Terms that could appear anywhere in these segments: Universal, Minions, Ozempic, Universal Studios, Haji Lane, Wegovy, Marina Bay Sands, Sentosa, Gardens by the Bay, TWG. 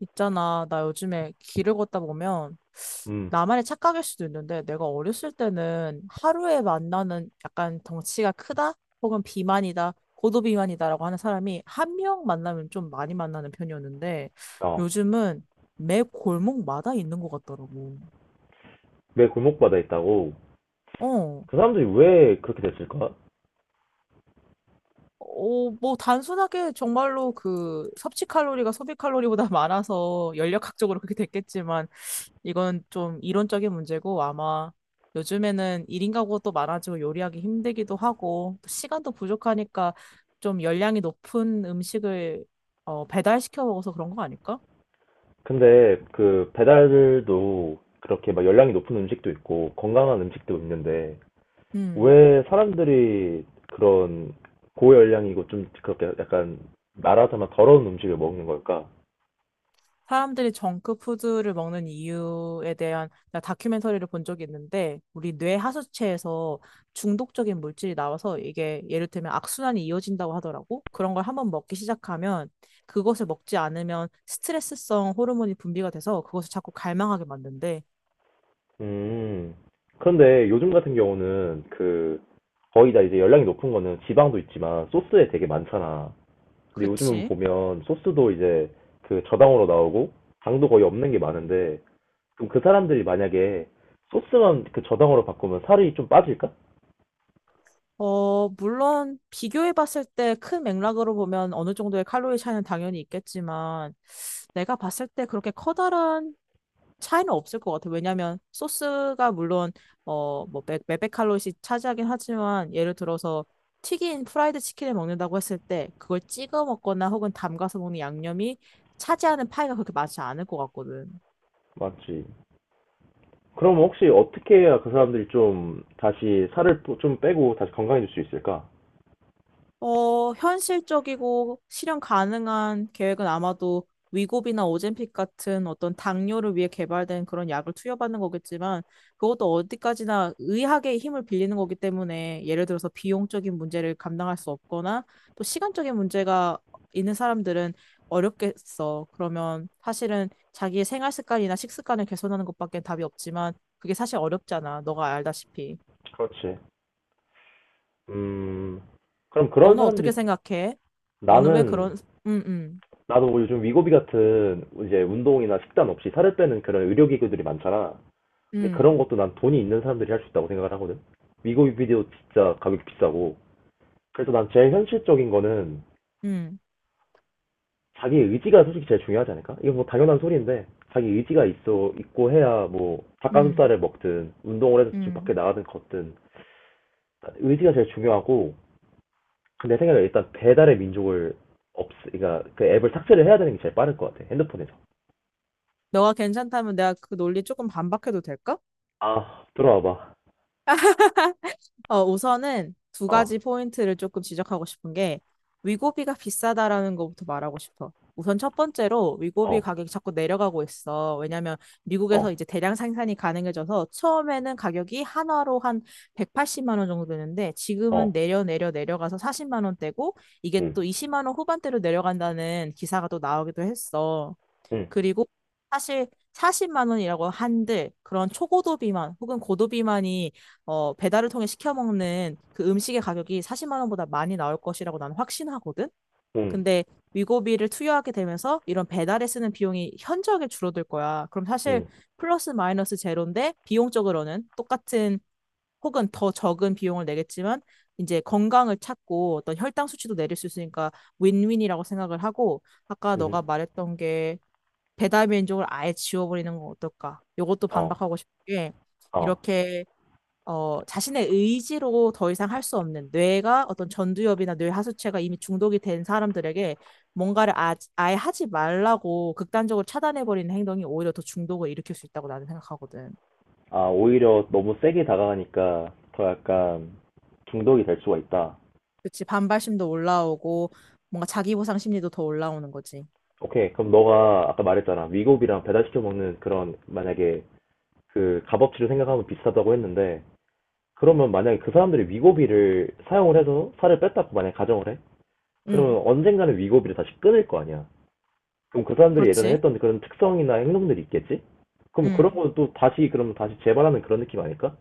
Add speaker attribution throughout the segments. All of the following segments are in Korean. Speaker 1: 있잖아, 나 요즘에 길을 걷다 보면
Speaker 2: 음,
Speaker 1: 나만의 착각일 수도 있는데 내가 어렸을 때는 하루에 만나는 약간 덩치가 크다 혹은 비만이다 고도비만이다라고 하는 사람이 한 명 만나면 좀 많이 만나는 편이었는데
Speaker 2: 어,
Speaker 1: 요즘은 매 골목마다 있는 것 같더라고.
Speaker 2: 내 골목바다에 있다고.
Speaker 1: 어.
Speaker 2: 그 사람들이 왜 그렇게 됐을까?
Speaker 1: 뭐, 단순하게 정말로 그 섭취 칼로리가 소비 칼로리보다 많아서 연력학적으로 그렇게 됐겠지만 이건 좀 이론적인 문제고 아마 요즘에는 1인 가구도 많아지고 요리하기 힘들기도 하고 또 시간도 부족하니까 좀 열량이 높은 음식을 배달시켜 먹어서 그런 거 아닐까?
Speaker 2: 근데 그 배달도 그렇게 막 열량이 높은 음식도 있고 건강한 음식도 있는데
Speaker 1: 음.
Speaker 2: 왜 사람들이 그런 고열량이고 좀 그렇게 약간 말하자면 더러운 음식을 먹는 걸까?
Speaker 1: 사람들이 정크푸드를 먹는 이유에 대한 다큐멘터리를 본 적이 있는데, 우리 뇌 하수체에서 중독적인 물질이 나와서 이게 예를 들면 악순환이 이어진다고 하더라고. 그런 걸 한번 먹기 시작하면 그것을 먹지 않으면 스트레스성 호르몬이 분비가 돼서 그것을 자꾸 갈망하게 만든대.
Speaker 2: 음, 그런데 요즘 같은 경우는 그 거의 다 이제 열량이 높은 거는 지방도 있지만 소스에 되게 많잖아. 근데 요즘은
Speaker 1: 그치?
Speaker 2: 보면 소스도 이제 그 저당으로 나오고 당도 거의 없는 게 많은데 그럼 그 사람들이 만약에 소스만 그 저당으로 바꾸면 살이 좀 빠질까?
Speaker 1: 물론 비교해 봤을 때 큰 맥락으로 보면 어느 정도의 칼로리 차이는 당연히 있겠지만, 내가 봤을 때 그렇게 커다란 차이는 없을 것 같아요. 왜냐하면 소스가 물론 어뭐 몇백칼로리씩 차지하긴 하지만 예를 들어서 튀긴 프라이드 치킨을 먹는다고 했을 때 그걸 찍어 먹거나 혹은 담가서 먹는 양념이 차지하는 파이가 그렇게 많지 않을 것 같거든.
Speaker 2: 맞지. 그럼 혹시 어떻게 해야 그 사람들이 좀 다시 살을 또 좀 빼고 다시 건강해질 수 있을까?
Speaker 1: 현실적이고 실현 가능한 계획은 아마도 위고비나 오젬픽 같은 어떤 당뇨를 위해 개발된 그런 약을 투여받는 거겠지만 그것도 어디까지나 의학의 힘을 빌리는 거기 때문에 예를 들어서 비용적인 문제를 감당할 수 없거나 또 시간적인 문제가 있는 사람들은 어렵겠어. 그러면 사실은 자기의 생활 습관이나 식습관을 개선하는 것밖에 답이 없지만 그게 사실 어렵잖아. 너가 알다시피.
Speaker 2: 그렇지. 음, 그럼 그런
Speaker 1: 너는 어떻게
Speaker 2: 사람들이
Speaker 1: 생각해? 너는 왜
Speaker 2: 나는
Speaker 1: 그런, 응응
Speaker 2: 나도 요즘 위고비 같은 이제 운동이나 식단 없이 살을 빼는 그런 의료기구들이 많잖아. 근데
Speaker 1: 음,
Speaker 2: 그런 것도 난 돈이 있는 사람들이 할 수 있다고 생각을 하거든. 미국 뮤비디오 진짜 가격이 비싸고. 그래서 난 제일 현실적인 거는
Speaker 1: 음,
Speaker 2: 자기 의지가 솔직히 제일 중요하지 않을까? 이거 뭐 당연한 소리인데 자기 의지가 있어 있고 해야 뭐
Speaker 1: 음,
Speaker 2: 닭가슴살을 먹든 운동을 해서 좀 밖에
Speaker 1: 음.
Speaker 2: 나가든 걷든 의지가 제일 중요하고 근데 내 생각에 일단 배달의 민족을 없 그러니까 그 앱을 삭제를 해야 되는 게 제일 빠를 것 같아 핸드폰에서.
Speaker 1: 너가 괜찮다면 내가 그 논리 조금 반박해도 될까?
Speaker 2: 아 들어와봐.
Speaker 1: 우선은 두 가지 포인트를 조금 지적하고 싶은 게 위고비가 비싸다라는 것부터 말하고 싶어. 우선 첫 번째로 위고비 가격이 자꾸 내려가고 있어. 왜냐면 미국에서 이제 대량 생산이 가능해져서 처음에는 가격이 한화로 한 180만 원 정도 되는데 지금은 내려가서 40만 원대고 이게 또 20만 원 후반대로 내려간다는 기사가 또 나오기도 했어.
Speaker 2: 아어어어응응응응응어어
Speaker 1: 그리고 사실 40만 원이라고 한들 그런 초고도 비만 혹은 고도 비만이 배달을 통해 시켜 먹는 그 음식의 가격이 40만 원보다 많이 나올 것이라고 나는 확신하거든. 근데 위고비를 투여하게 되면서 이런 배달에 쓰는 비용이 현저하게 줄어들 거야. 그럼 사실 플러스 마이너스 제로인데 비용적으로는 똑같은 혹은 더 적은 비용을 내겠지만 이제 건강을 찾고 어떤 혈당 수치도 내릴 수 있으니까 윈윈이라고 생각을 하고 아까 너가 말했던 게 배달 민족을 아예 지워버리는 건 어떨까? 이것도 반박하고 싶은 게
Speaker 2: 어.
Speaker 1: 이렇게 자신의 의지로 더 이상 할 수 없는 뇌가 어떤 전두엽이나 뇌 하수체가 이미 중독이 된 사람들에게 뭔가를 아예 하지 말라고 극단적으로 차단해버리는 행동이 오히려 더 중독을 일으킬 수 있다고 나는 생각하거든.
Speaker 2: 아, 오히려 너무 세게 다가가니까 더 약간 중독이 될 수가 있다.
Speaker 1: 그치, 반발심도 올라오고 뭔가 자기 보상 심리도 더 올라오는 거지.
Speaker 2: 오케이. 그럼 너가 아까 말했잖아. 위고비랑 배달시켜 먹는 그런 만약에 그 값어치를 생각하면 비슷하다고 했는데 그러면 만약에 그 사람들이 위고비를 사용을 해서 살을 뺐다고 만약에 가정을 해?
Speaker 1: 응,
Speaker 2: 그러면 언젠가는 위고비를 다시 끊을 거 아니야. 그럼 그 사람들이 예전에
Speaker 1: 그렇지.
Speaker 2: 했던 그런 특성이나 행동들이 있겠지? 그럼 그런
Speaker 1: 응.
Speaker 2: 거는 또 다시 그럼 다시 재발하는 그런 느낌 아닐까?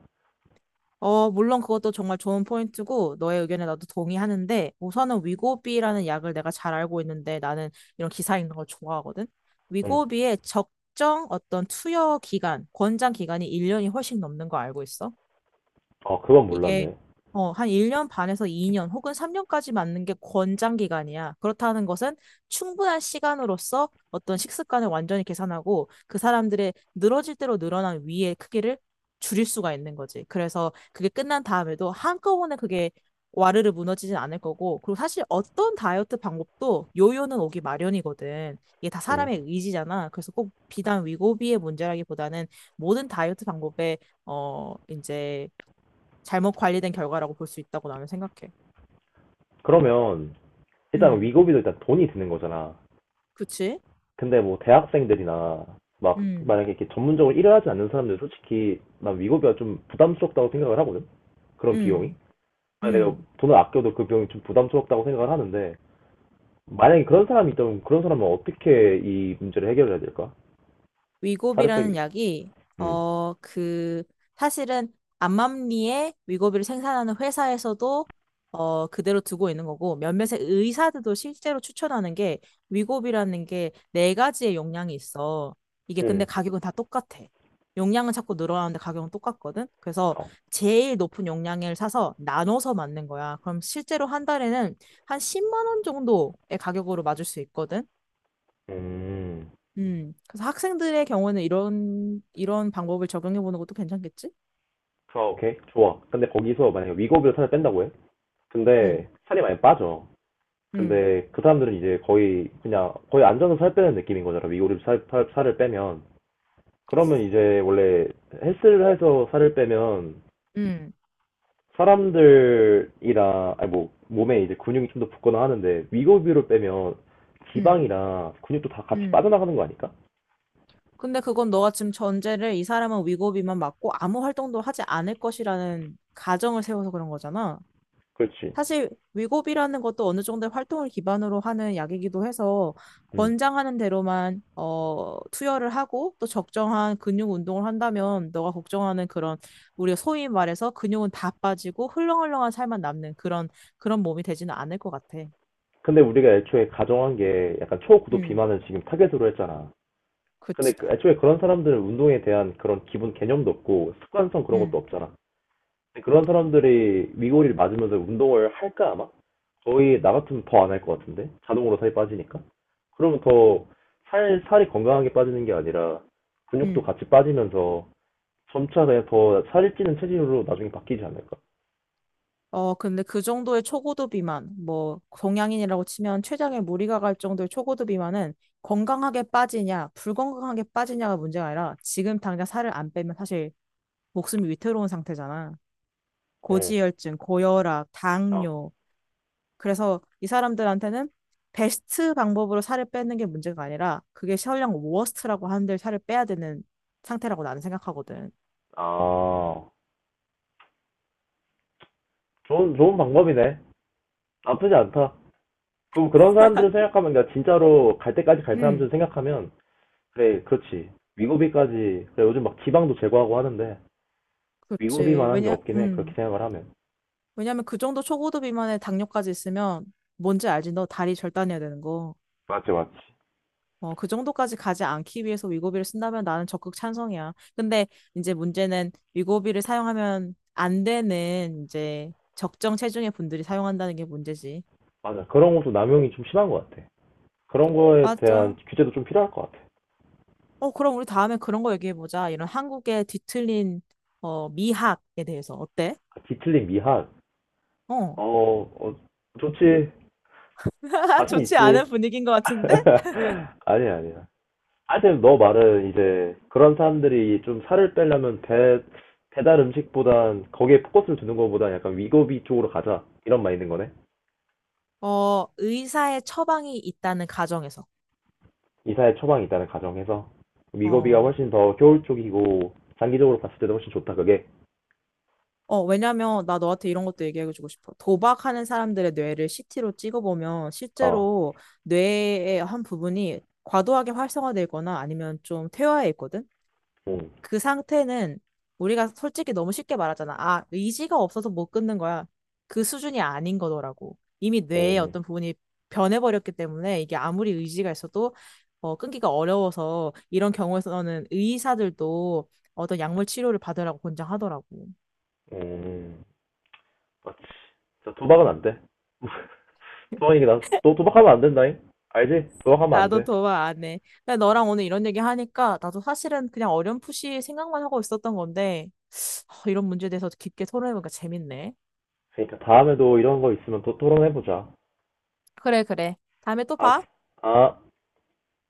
Speaker 1: 물론 그것도 정말 좋은 포인트고, 너의 의견에 나도 동의하는데, 우선은 위고비라는 약을 내가 잘 알고 있는데, 나는 이런 기사 읽는 걸 좋아하거든?
Speaker 2: 응.
Speaker 1: 위고비의 적정 어떤 투여 기간, 권장 기간이 1년이 훨씬 넘는 거 알고 있어?
Speaker 2: 아, 그건
Speaker 1: 이게
Speaker 2: 몰랐네.
Speaker 1: 한 1년 반에서 2년 혹은 3년까지 맞는 게 권장 기간이야. 그렇다는 것은 충분한 시간으로서 어떤 식습관을 완전히 계산하고 그 사람들의 늘어질 대로 늘어난 위의 크기를 줄일 수가 있는 거지. 그래서 그게 끝난 다음에도 한꺼번에 그게 와르르 무너지진 않을 거고, 그리고 사실 어떤 다이어트 방법도 요요는 오기 마련이거든. 이게 다
Speaker 2: 응.
Speaker 1: 사람의 의지잖아. 그래서 꼭 비단 위고비의 문제라기보다는 모든 다이어트 방법에 이제 잘못 관리된 결과라고 볼 수 있다고 나는 생각해.
Speaker 2: 그러면 일단
Speaker 1: 음,
Speaker 2: 위고비도 일단 돈이 드는 거잖아.
Speaker 1: 그치?
Speaker 2: 근데 뭐 대학생들이나 막
Speaker 1: 음,
Speaker 2: 만약에 이렇게 전문적으로 일을 하지 않는 사람들 솔직히 난 위고비가 좀 부담스럽다고 생각을 하거든. 그런 비용이.
Speaker 1: 음,
Speaker 2: 아, 내가
Speaker 1: 음.
Speaker 2: 돈을 아껴도 그 비용이 좀 부담스럽다고 생각을 하는데 만약에 그런 사람이 있다면 그런 사람은 어떻게 이 문제를 해결해야 될까? 살을
Speaker 1: 위고비라는
Speaker 2: 빼기.
Speaker 1: 약이
Speaker 2: 음.
Speaker 1: 그 사실은 암암리에 위고비를 생산하는 회사에서도 그대로 두고 있는 거고 몇몇의 의사들도 실제로 추천하는 게 위고비라는 게 네 가지의 용량이 있어. 이게 근데
Speaker 2: 음.
Speaker 1: 가격은 다 똑같아. 용량은 자꾸 늘어나는데 가격은 똑같거든. 그래서
Speaker 2: 어.
Speaker 1: 제일 높은 용량을 사서 나눠서 맞는 거야. 그럼 실제로 한 달에는 한 10만 원 정도의 가격으로 맞을 수 있거든.
Speaker 2: 음.
Speaker 1: 음. 그래서 학생들의 경우에는 이런, 이런 방법을 적용해 보는 것도 괜찮겠지?
Speaker 2: 아 오케이. 좋아. 근데 거기서 만약에 위고비로 살을 뺀다고 해.
Speaker 1: 음,
Speaker 2: 근데 살이 많이 빠져.
Speaker 1: 음,
Speaker 2: 근데 그 사람들은 이제 거의 그냥 거의 안전로살 빼는 느낌인 거잖아. 위고를 살을 빼면. 그러면 이제 원래 헬스를 해서 살을 빼면
Speaker 1: 음,
Speaker 2: 사람들이랑 아니 뭐 몸에 이제 근육이 좀 더 붙거나 하는데 위고비로 빼면
Speaker 1: 음,
Speaker 2: 지방이랑 근육도 다 같이
Speaker 1: 음.
Speaker 2: 빠져나가는 거 아닐까?
Speaker 1: 근데 그건 너가 지금 전제를 이 사람은 위고비만 맞고 아무 활동도 하지 않을 것이라는 가정을 세워서 그런 거잖아.
Speaker 2: 그렇지.
Speaker 1: 사실 위고비라는 것도 어느 정도 의 활동을 기반으로 하는 약이기도 해서
Speaker 2: 음.
Speaker 1: 권장하는 대로만 투여를 하고 또 적정한 근육 운동을 한다면 너가 걱정하는 그런 우리가 소위 말해서 근육은 다 빠지고 흘렁흘렁한 살만 남는 그런 그런 몸이 되지는 않을 것 같아.
Speaker 2: 근데 우리가 애초에 가정한 게 약간 초고도
Speaker 1: 음,
Speaker 2: 비만을 지금 타겟으로 했잖아. 근데
Speaker 1: 그치. 아,
Speaker 2: 애초에 그런 사람들은 운동에 대한 그런 기본 개념도 없고 습관성 그런 것도
Speaker 1: 음,
Speaker 2: 없잖아. 네, 그런 사람들이 위골이 맞으면서 운동을 할까 아마? 거의 나 같으면 더 안 할 것 같은데 자동으로 살이 빠지니까 그러면 더 살 살이 건강하게 빠지는 게 아니라 근육도
Speaker 1: 음.
Speaker 2: 같이 빠지면서 점차 그냥 더 살이 찌는 체질로 나중에 바뀌지 않을까?
Speaker 1: 근데 그 정도의 초고도 비만, 뭐, 동양인이라고 치면 췌장에 무리가 갈 정도의 초고도 비만은 건강하게 빠지냐, 불건강하게 빠지냐가 문제가 아니라 지금 당장 살을 안 빼면 사실 목숨이 위태로운 상태잖아.
Speaker 2: 응.
Speaker 1: 고지혈증, 고혈압,
Speaker 2: 아
Speaker 1: 당뇨. 그래서 이 사람들한테는 베스트 방법으로 살을 빼는 게 문제가 아니라 그게 설령 워스트라고 하는데 살을 빼야 되는 상태라고 나는 생각하거든.
Speaker 2: 아 좋은 방법이네. 나쁘지 않다. 그럼 그런 사람들을 생각하면 그러니까 진짜로 갈 때까지 갈
Speaker 1: 음,
Speaker 2: 사람들 생각하면 그래 그렇지 위고비까지 그래 요즘 막 지방도 제거하고 하는데 위고비
Speaker 1: 그렇지.
Speaker 2: 만한 게 없긴 해. 그렇게 생각을 하면.
Speaker 1: 왜냐면 그 정도 초고도 비만에 당뇨까지 있으면 뭔지 알지? 너 다리 절단해야 되는 거.
Speaker 2: 맞지, 맞지.
Speaker 1: 그 정도까지 가지 않기 위해서 위고비를 쓴다면 나는 적극 찬성이야. 근데 이제 문제는 위고비를 사용하면 안 되는 이제 적정 체중의 분들이 사용한다는 게 문제지.
Speaker 2: 맞아. 그런 것도 남용이 좀 심한 것 같아. 그런 거에 대한
Speaker 1: 맞아.
Speaker 2: 규제도 좀 필요할 것 같아.
Speaker 1: 그럼 우리 다음에 그런 거 얘기해보자. 이런 한국의 뒤틀린 미학에 대해서 어때?
Speaker 2: 뒤틀린 미학.
Speaker 1: 어.
Speaker 2: 어, 어, 좋지. 자신
Speaker 1: 좋지
Speaker 2: 있지.
Speaker 1: 않은 분위기인 것 같은데?
Speaker 2: 아니야, 아니야. 하여튼 너 말은 이제 그런 사람들이 좀 살을 빼려면 배달 음식보단 거기에 포커스를 두는 것보다 약간 위고비 쪽으로 가자. 이런 말있는 거네.
Speaker 1: 의사의 처방이 있다는 가정에서.
Speaker 2: 이사의 처방이 있다는 가정에서 위고비가
Speaker 1: 어.
Speaker 2: 훨씬 더 효율적이고 장기적으로 봤을 때도 훨씬 좋다, 그게.
Speaker 1: 왜냐면 나 너한테 이런 것도 얘기해주고 싶어. 도박하는 사람들의 뇌를 CT로 찍어보면
Speaker 2: 어.
Speaker 1: 실제로 뇌의 한 부분이 과도하게 활성화되거나 아니면 좀 퇴화해 있거든?
Speaker 2: 응.
Speaker 1: 그 상태는 우리가 솔직히 너무 쉽게 말하잖아. 아, 의지가 없어서 못 끊는 거야. 그 수준이 아닌 거더라고. 이미 뇌의
Speaker 2: 응.
Speaker 1: 어떤 부분이 변해버렸기 때문에 이게 아무리 의지가 있어도 끊기가 어려워서 이런 경우에서는 의사들도 어떤 약물 치료를 받으라고 권장하더라고.
Speaker 2: 응. 맞지. 진짜 도박은 안 돼. 도박이게 나, 너 도박하면 안 된다잉? 알지? 도박하면 안
Speaker 1: 나도
Speaker 2: 돼.
Speaker 1: 도와 안 해. 근데 너랑 오늘 이런 얘기 하니까 나도 사실은 그냥 어렴풋이 생각만 하고 있었던 건데, 하, 이런 문제에 대해서 깊게 토론해보니까 재밌네.
Speaker 2: 그러니까 다음에도 이런 거 있으면 또 토론해보자.
Speaker 1: 그래, 그래. 다음에 또
Speaker 2: 알았어.
Speaker 1: 봐.
Speaker 2: 아.